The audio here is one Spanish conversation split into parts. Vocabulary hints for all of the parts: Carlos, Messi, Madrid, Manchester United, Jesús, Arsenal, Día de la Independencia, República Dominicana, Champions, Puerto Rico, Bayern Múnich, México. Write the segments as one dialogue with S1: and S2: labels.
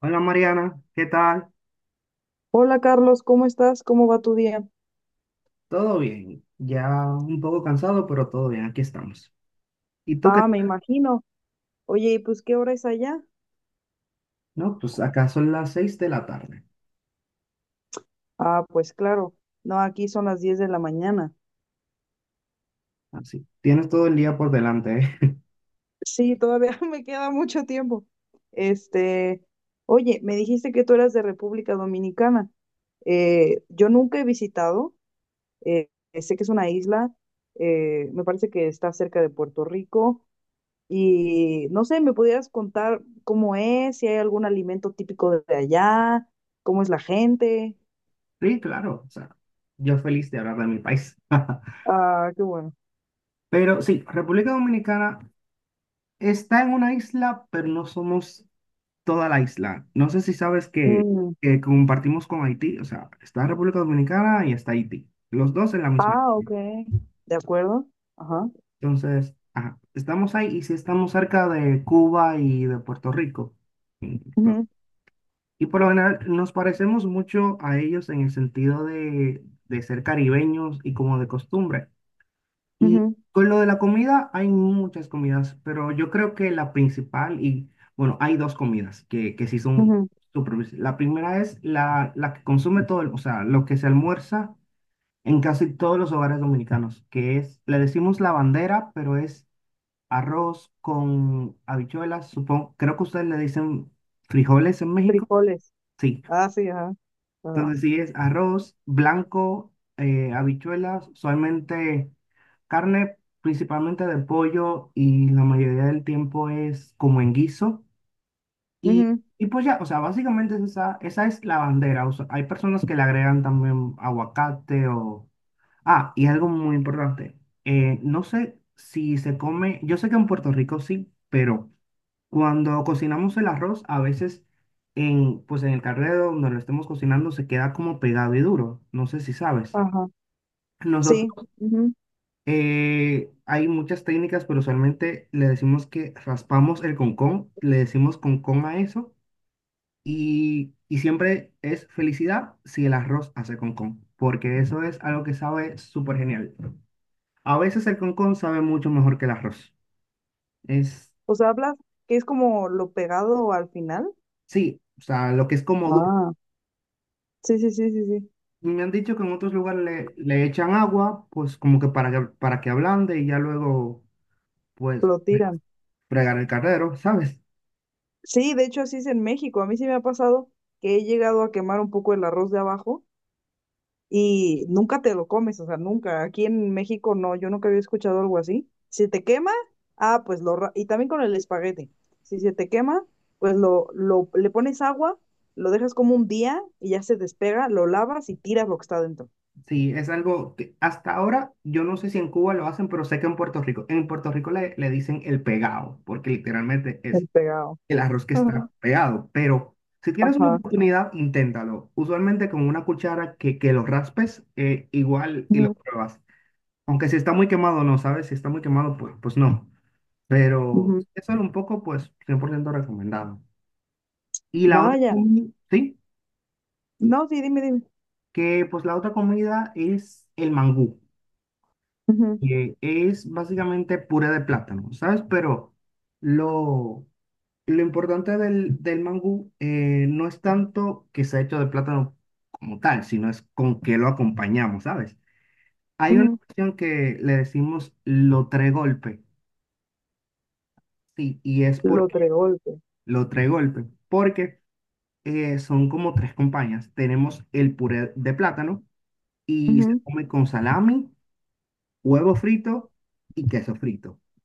S1: Hola Mariana, ¿qué tal?
S2: Hola Carlos, ¿cómo estás? ¿Cómo va tu día?
S1: ¿Todo bien? Ya un poco cansado, pero todo bien, aquí estamos. ¿Y tú qué
S2: Ah, me
S1: tal?
S2: imagino. Oye, ¿y pues qué hora es allá?
S1: No, pues acá son las 6 de la tarde.
S2: Ah, pues claro. No, aquí son las 10 de la mañana.
S1: Así. Tienes todo el día por delante, ¿eh?
S2: Sí, todavía me queda mucho tiempo. Este, oye, me dijiste que tú eras de República Dominicana. Yo nunca he visitado, eh, sé que es una isla, me parece que está cerca de Puerto Rico y no sé, ¿me pudieras contar cómo es, si hay algún alimento típico de allá, cómo es la gente?
S1: Sí, claro. O sea, yo feliz de hablar de mi país.
S2: Ah, qué bueno.
S1: Pero sí, República Dominicana está en una isla, pero no somos toda la isla. No sé si sabes que,
S2: Mm.
S1: que compartimos con Haití. O sea, está República Dominicana y está Haití. Los dos en la misma
S2: Ah, ok.
S1: isla.
S2: De acuerdo. Ajá.
S1: Entonces, ajá, estamos ahí y si estamos cerca de Cuba y de Puerto Rico. Ento-
S2: Ujú,
S1: Y por lo general nos parecemos mucho a ellos en el sentido de ser caribeños y como de costumbre. Y
S2: ujú,
S1: con lo de la comida, hay muchas comidas, pero yo creo que la principal, y bueno, hay dos comidas que sí son
S2: ujú.
S1: súper. La primera es la que consume todo, o sea, lo que se almuerza en casi todos los hogares dominicanos, que es, le decimos la bandera, pero es arroz con habichuelas, supongo. Creo que ustedes le dicen frijoles en México.
S2: Frijoles.
S1: Sí.
S2: Ah, sí, ajá. Ajá.
S1: Entonces sí es arroz blanco, habichuelas, usualmente carne principalmente de pollo y la mayoría del tiempo es como en guiso. Y,
S2: Ujú,
S1: y pues ya, o sea, básicamente es esa, esa es la bandera. O sea, hay personas que le agregan también aguacate o... Ah, y algo muy importante. No sé si se come, yo sé que en Puerto Rico sí, pero... Cuando cocinamos el arroz, a veces pues en el carrero donde lo estemos cocinando se queda como pegado y duro. No sé si sabes.
S2: ajá. Sí.
S1: Nosotros
S2: Ujú.
S1: hay muchas técnicas, pero usualmente le decimos que raspamos el concón, le decimos concón a eso y siempre es felicidad si el arroz hace concón, porque eso es algo que sabe súper genial. A veces el concón sabe mucho mejor que el arroz. Es,
S2: O sea, hablas que es como lo pegado al final.
S1: sí, o sea, lo que es como duro.
S2: Ah, sí, sí, sí, sí, sí.
S1: Me han dicho que en otros lugares le, echan agua, pues como que, para que ablande y ya luego, pues,
S2: Lo tiran.
S1: fregar el carrero, ¿sabes?
S2: Sí, de hecho así es en México. A mí sí me ha pasado que he llegado a quemar un poco el arroz de abajo y nunca te lo comes, o sea, nunca. Aquí en México no, yo nunca había escuchado algo así. Si te quema, ah, pues y también con el espagueti. Si se te quema, pues le pones agua, lo dejas como un día y ya se despega, lo lavas y tiras lo que está dentro.
S1: Sí, es algo que hasta ahora yo no sé si en Cuba lo hacen, pero sé que en Puerto Rico, le dicen el pegado, porque literalmente es
S2: Despegado.
S1: el arroz que
S2: Ujú,
S1: está pegado. Pero si tienes una
S2: ajá.
S1: oportunidad, inténtalo. Usualmente con una cuchara que lo raspes, igual y lo
S2: Ujú,
S1: pruebas. Aunque si está muy quemado, no, ¿sabes? Si está muy quemado, pues no. Pero
S2: ujú.
S1: eso era un poco, pues, 100% recomendado. Y la otra
S2: Vaya.
S1: comida, sí,
S2: No, sí, dime, dime.
S1: que pues la otra comida es el mangú,
S2: Ujú,
S1: que es básicamente puré de plátano, ¿sabes? Pero lo, lo importante del mangú no es tanto que sea hecho de plátano como tal, sino es con qué lo acompañamos, ¿sabes? Hay una
S2: ujú.
S1: cuestión que le decimos lo tres golpe, sí, y es
S2: Lo
S1: porque
S2: tregolpe.
S1: lo tres golpe, porque son como tres compañías. Tenemos el puré de plátano y se come con salami, huevo frito y queso frito. O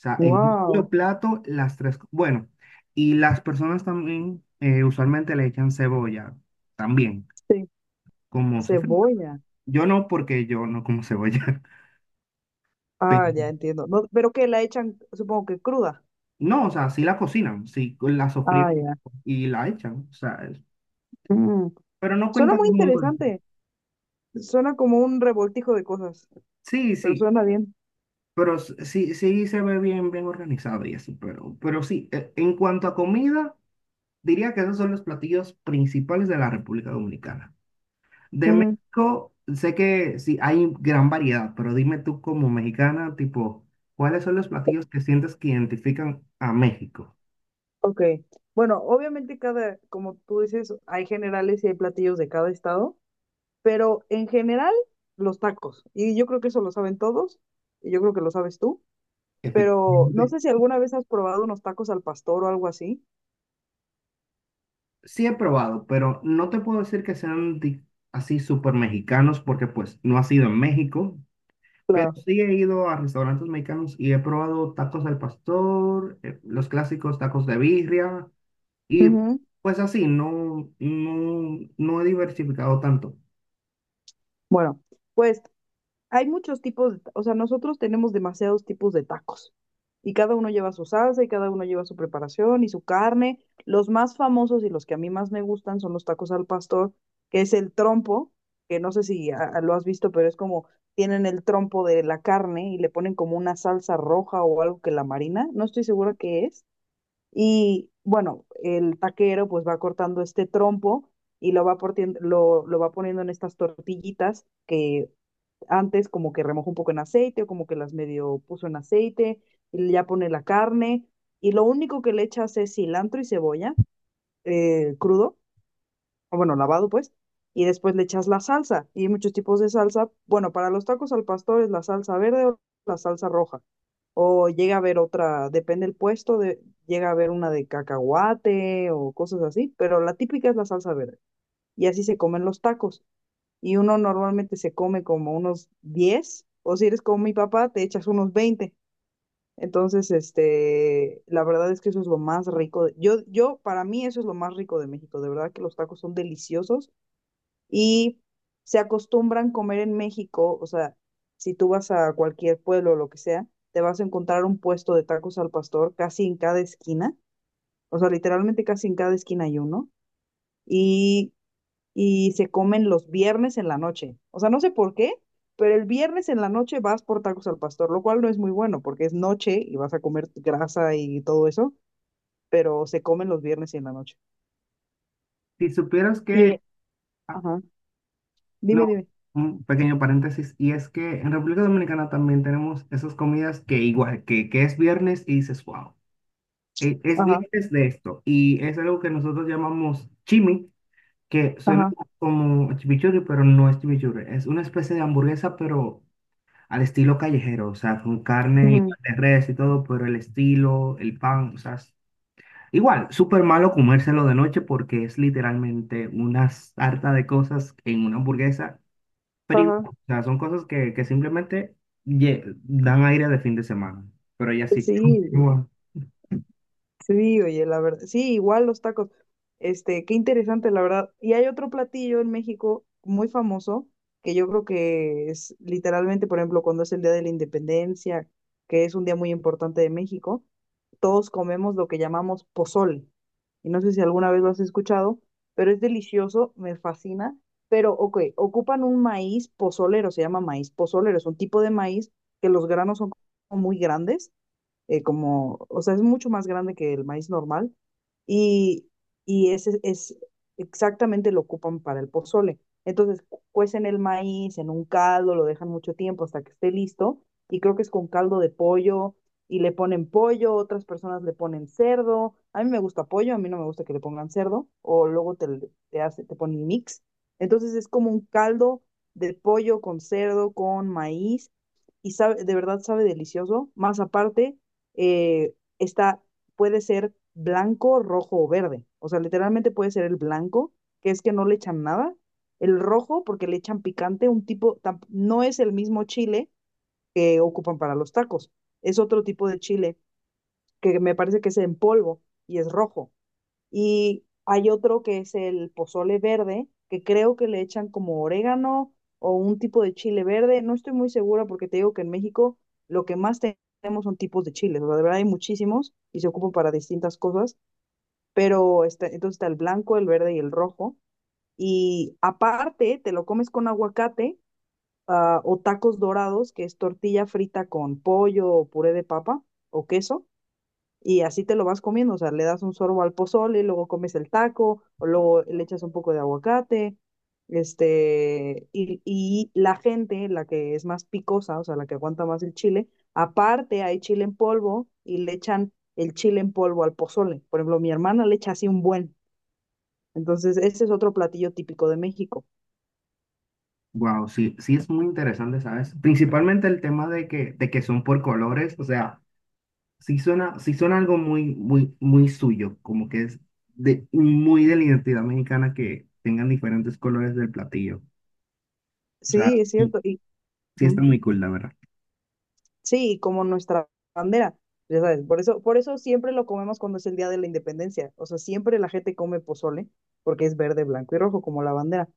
S1: sea, en un solo
S2: Wow.
S1: plato, las tres. Bueno, y las personas también usualmente le echan cebolla también,
S2: Sí.
S1: como sofrito.
S2: Cebolla.
S1: Yo no, porque yo no como cebolla.
S2: Ah, ya
S1: Pero,
S2: entiendo. No, pero que la echan, supongo que cruda.
S1: no, o sea, sí la cocinan, sí la
S2: Ah,
S1: sofríen
S2: ya.
S1: y la echan. O sea,
S2: Mm.
S1: pero no
S2: Suena
S1: cuenta
S2: muy
S1: como un dulce.
S2: interesante. Suena como un revoltijo de cosas,
S1: Sí,
S2: pero
S1: sí.
S2: suena bien.
S1: Pero sí, sí se ve bien, bien organizado y eso, pero sí, en cuanto a comida, diría que esos son los platillos principales de la República Dominicana. De
S2: Ujú.
S1: México, sé que sí hay gran variedad, pero dime tú como mexicana, tipo, ¿cuáles son los platillos que sientes que identifican a México?
S2: Ok. Bueno, obviamente cada, como tú dices, hay generales y hay platillos de cada estado, pero en general los tacos. Y yo creo que eso lo saben todos, y yo creo que lo sabes tú, pero no
S1: Efectivamente.
S2: sé si alguna vez has probado unos tacos al pastor o algo así.
S1: Sí he probado, pero no te puedo decir que sean así súper mexicanos porque pues no ha sido en México, pero
S2: Claro.
S1: sí he ido a restaurantes mexicanos y he probado tacos al pastor, los clásicos tacos de birria y
S2: Ujú.
S1: pues así, no, no, no he diversificado tanto.
S2: Bueno. Hay muchos tipos, o sea, nosotros tenemos demasiados tipos de tacos y cada uno lleva su salsa y cada uno lleva su preparación y su carne. Los más famosos y los que a mí más me gustan son los tacos al pastor, que es el trompo, que no sé si lo has visto, pero es como tienen el trompo de la carne y le ponen como una salsa roja o algo que la marina, no estoy segura qué es. Y bueno, el taquero pues va cortando este trompo y lo va poniendo en estas tortillitas que antes como que remojó un poco en aceite o como que las medio puso en aceite y ya pone la carne y lo único que le echas es cilantro y cebolla, crudo, o bueno, lavado pues, y después le echas la salsa y hay muchos tipos de salsa. Bueno, para los tacos al pastor es la salsa verde o la salsa roja o llega a haber otra, depende del puesto, llega a haber una de cacahuate o cosas así, pero la típica es la salsa verde, y así se comen los tacos, y uno normalmente se come como unos 10, o si eres como mi papá, te echas unos 20. Entonces, la verdad es que eso es lo más rico. Para mí eso es lo más rico de México. De verdad que los tacos son deliciosos y se acostumbran comer en México. O sea, si tú vas a cualquier pueblo o lo que sea, te vas a encontrar un puesto de tacos al pastor casi en cada esquina. O sea, literalmente casi en cada esquina hay uno. Y y se comen los viernes en la noche. O sea, no sé por qué, pero el viernes en la noche vas por tacos al pastor, lo cual no es muy bueno porque es noche y vas a comer grasa y todo eso, pero se comen los viernes y en la noche.
S1: Si supieras
S2: Y,
S1: que, ah,
S2: ajá,
S1: no,
S2: dime, dime,
S1: un pequeño paréntesis, y es que en República Dominicana también tenemos esas comidas que igual, que es viernes y dices, wow, es
S2: ajá,
S1: viernes de esto. Y es algo que nosotros llamamos chimi, que suena
S2: ajá,
S1: como chimichurri, pero no es chimichurri, es una especie de hamburguesa, pero al estilo callejero, o sea, con carne y
S2: ujú,
S1: pan de res y todo, pero el estilo, el pan, o sea, igual, súper malo comérselo de noche porque es literalmente una sarta de cosas en una hamburguesa, pero igual,
S2: ajá,
S1: o sea, son cosas que simplemente dan aire de fin de semana, pero ya sí.
S2: sí. Sí, oye, la verdad, sí, igual los tacos. Qué interesante, la verdad. Y hay otro platillo en México muy famoso que yo creo que es literalmente, por ejemplo, cuando es el Día de la Independencia, que es un día muy importante de México, todos comemos lo que llamamos pozol. Y no sé si alguna vez lo has escuchado, pero es delicioso, me fascina. Pero, ok, ocupan un maíz pozolero, se llama maíz pozolero, es un tipo de maíz que los granos son como muy grandes, como, o sea, es mucho más grande que el maíz normal, y, y, ese es exactamente lo ocupan para el pozole. Entonces, cuecen el maíz en un caldo, lo dejan mucho tiempo hasta que esté listo y creo que es con caldo de pollo y le ponen pollo, otras personas le ponen cerdo. A mí me gusta pollo, a mí no me gusta que le pongan cerdo o luego te hace, te ponen mix. Entonces, es como un caldo de pollo con cerdo, con maíz y sabe, de verdad sabe delicioso. Más aparte, eh, está, puede ser blanco, rojo o verde. O sea, literalmente puede ser el blanco, que es que no le echan nada. El rojo, porque le echan picante, un tipo, no es el mismo chile que ocupan para los tacos. Es otro tipo de chile que me parece que es en polvo y es rojo. Y hay otro que es el pozole verde, que creo que le echan como orégano o un tipo de chile verde. No estoy muy segura porque te digo que en México lo que más tenemos son tipos de chiles. O sea, de verdad hay muchísimos y se ocupan para distintas cosas. Pero entonces está el blanco, el verde y el rojo. Y aparte te lo comes con aguacate, o tacos dorados, que es tortilla frita con pollo o puré de papa o queso. Y así te lo vas comiendo, o sea, le das un sorbo al pozole, luego comes el taco, o luego le echas un poco de aguacate, y la gente, la que es más picosa, o sea, la que aguanta más el chile, aparte hay chile en polvo y le echan el chile en polvo al pozole. Por ejemplo, mi hermana le echa así un buen. Entonces, ese es otro platillo típico de México.
S1: Wow, sí, sí es muy interesante, ¿sabes? Principalmente el tema de que, son por colores, o sea, sí suena algo muy, muy, muy suyo, como que es muy de la identidad mexicana que tengan diferentes colores del platillo. O sea,
S2: Sí, es
S1: sí,
S2: cierto.
S1: sí está
S2: Ujú.
S1: muy cool, la verdad.
S2: Sí, como nuestra bandera, ya sabes, por eso siempre lo comemos cuando es el Día de la Independencia, o sea, siempre la gente come pozole, porque es verde, blanco y rojo, como la bandera.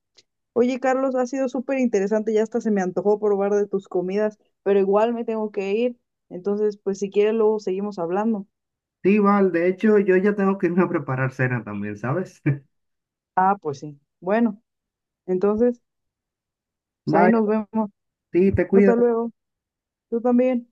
S2: Oye, Carlos, ha sido súper interesante, ya hasta se me antojó probar de tus comidas, pero igual me tengo que ir, entonces, pues si quieres luego seguimos hablando.
S1: Sí, Val, de hecho, yo ya tengo que irme a preparar cena también, ¿sabes?
S2: Ah, pues sí, bueno, entonces, pues ahí
S1: Bye,
S2: nos vemos,
S1: sí, te cuidas.
S2: hasta luego, tú también.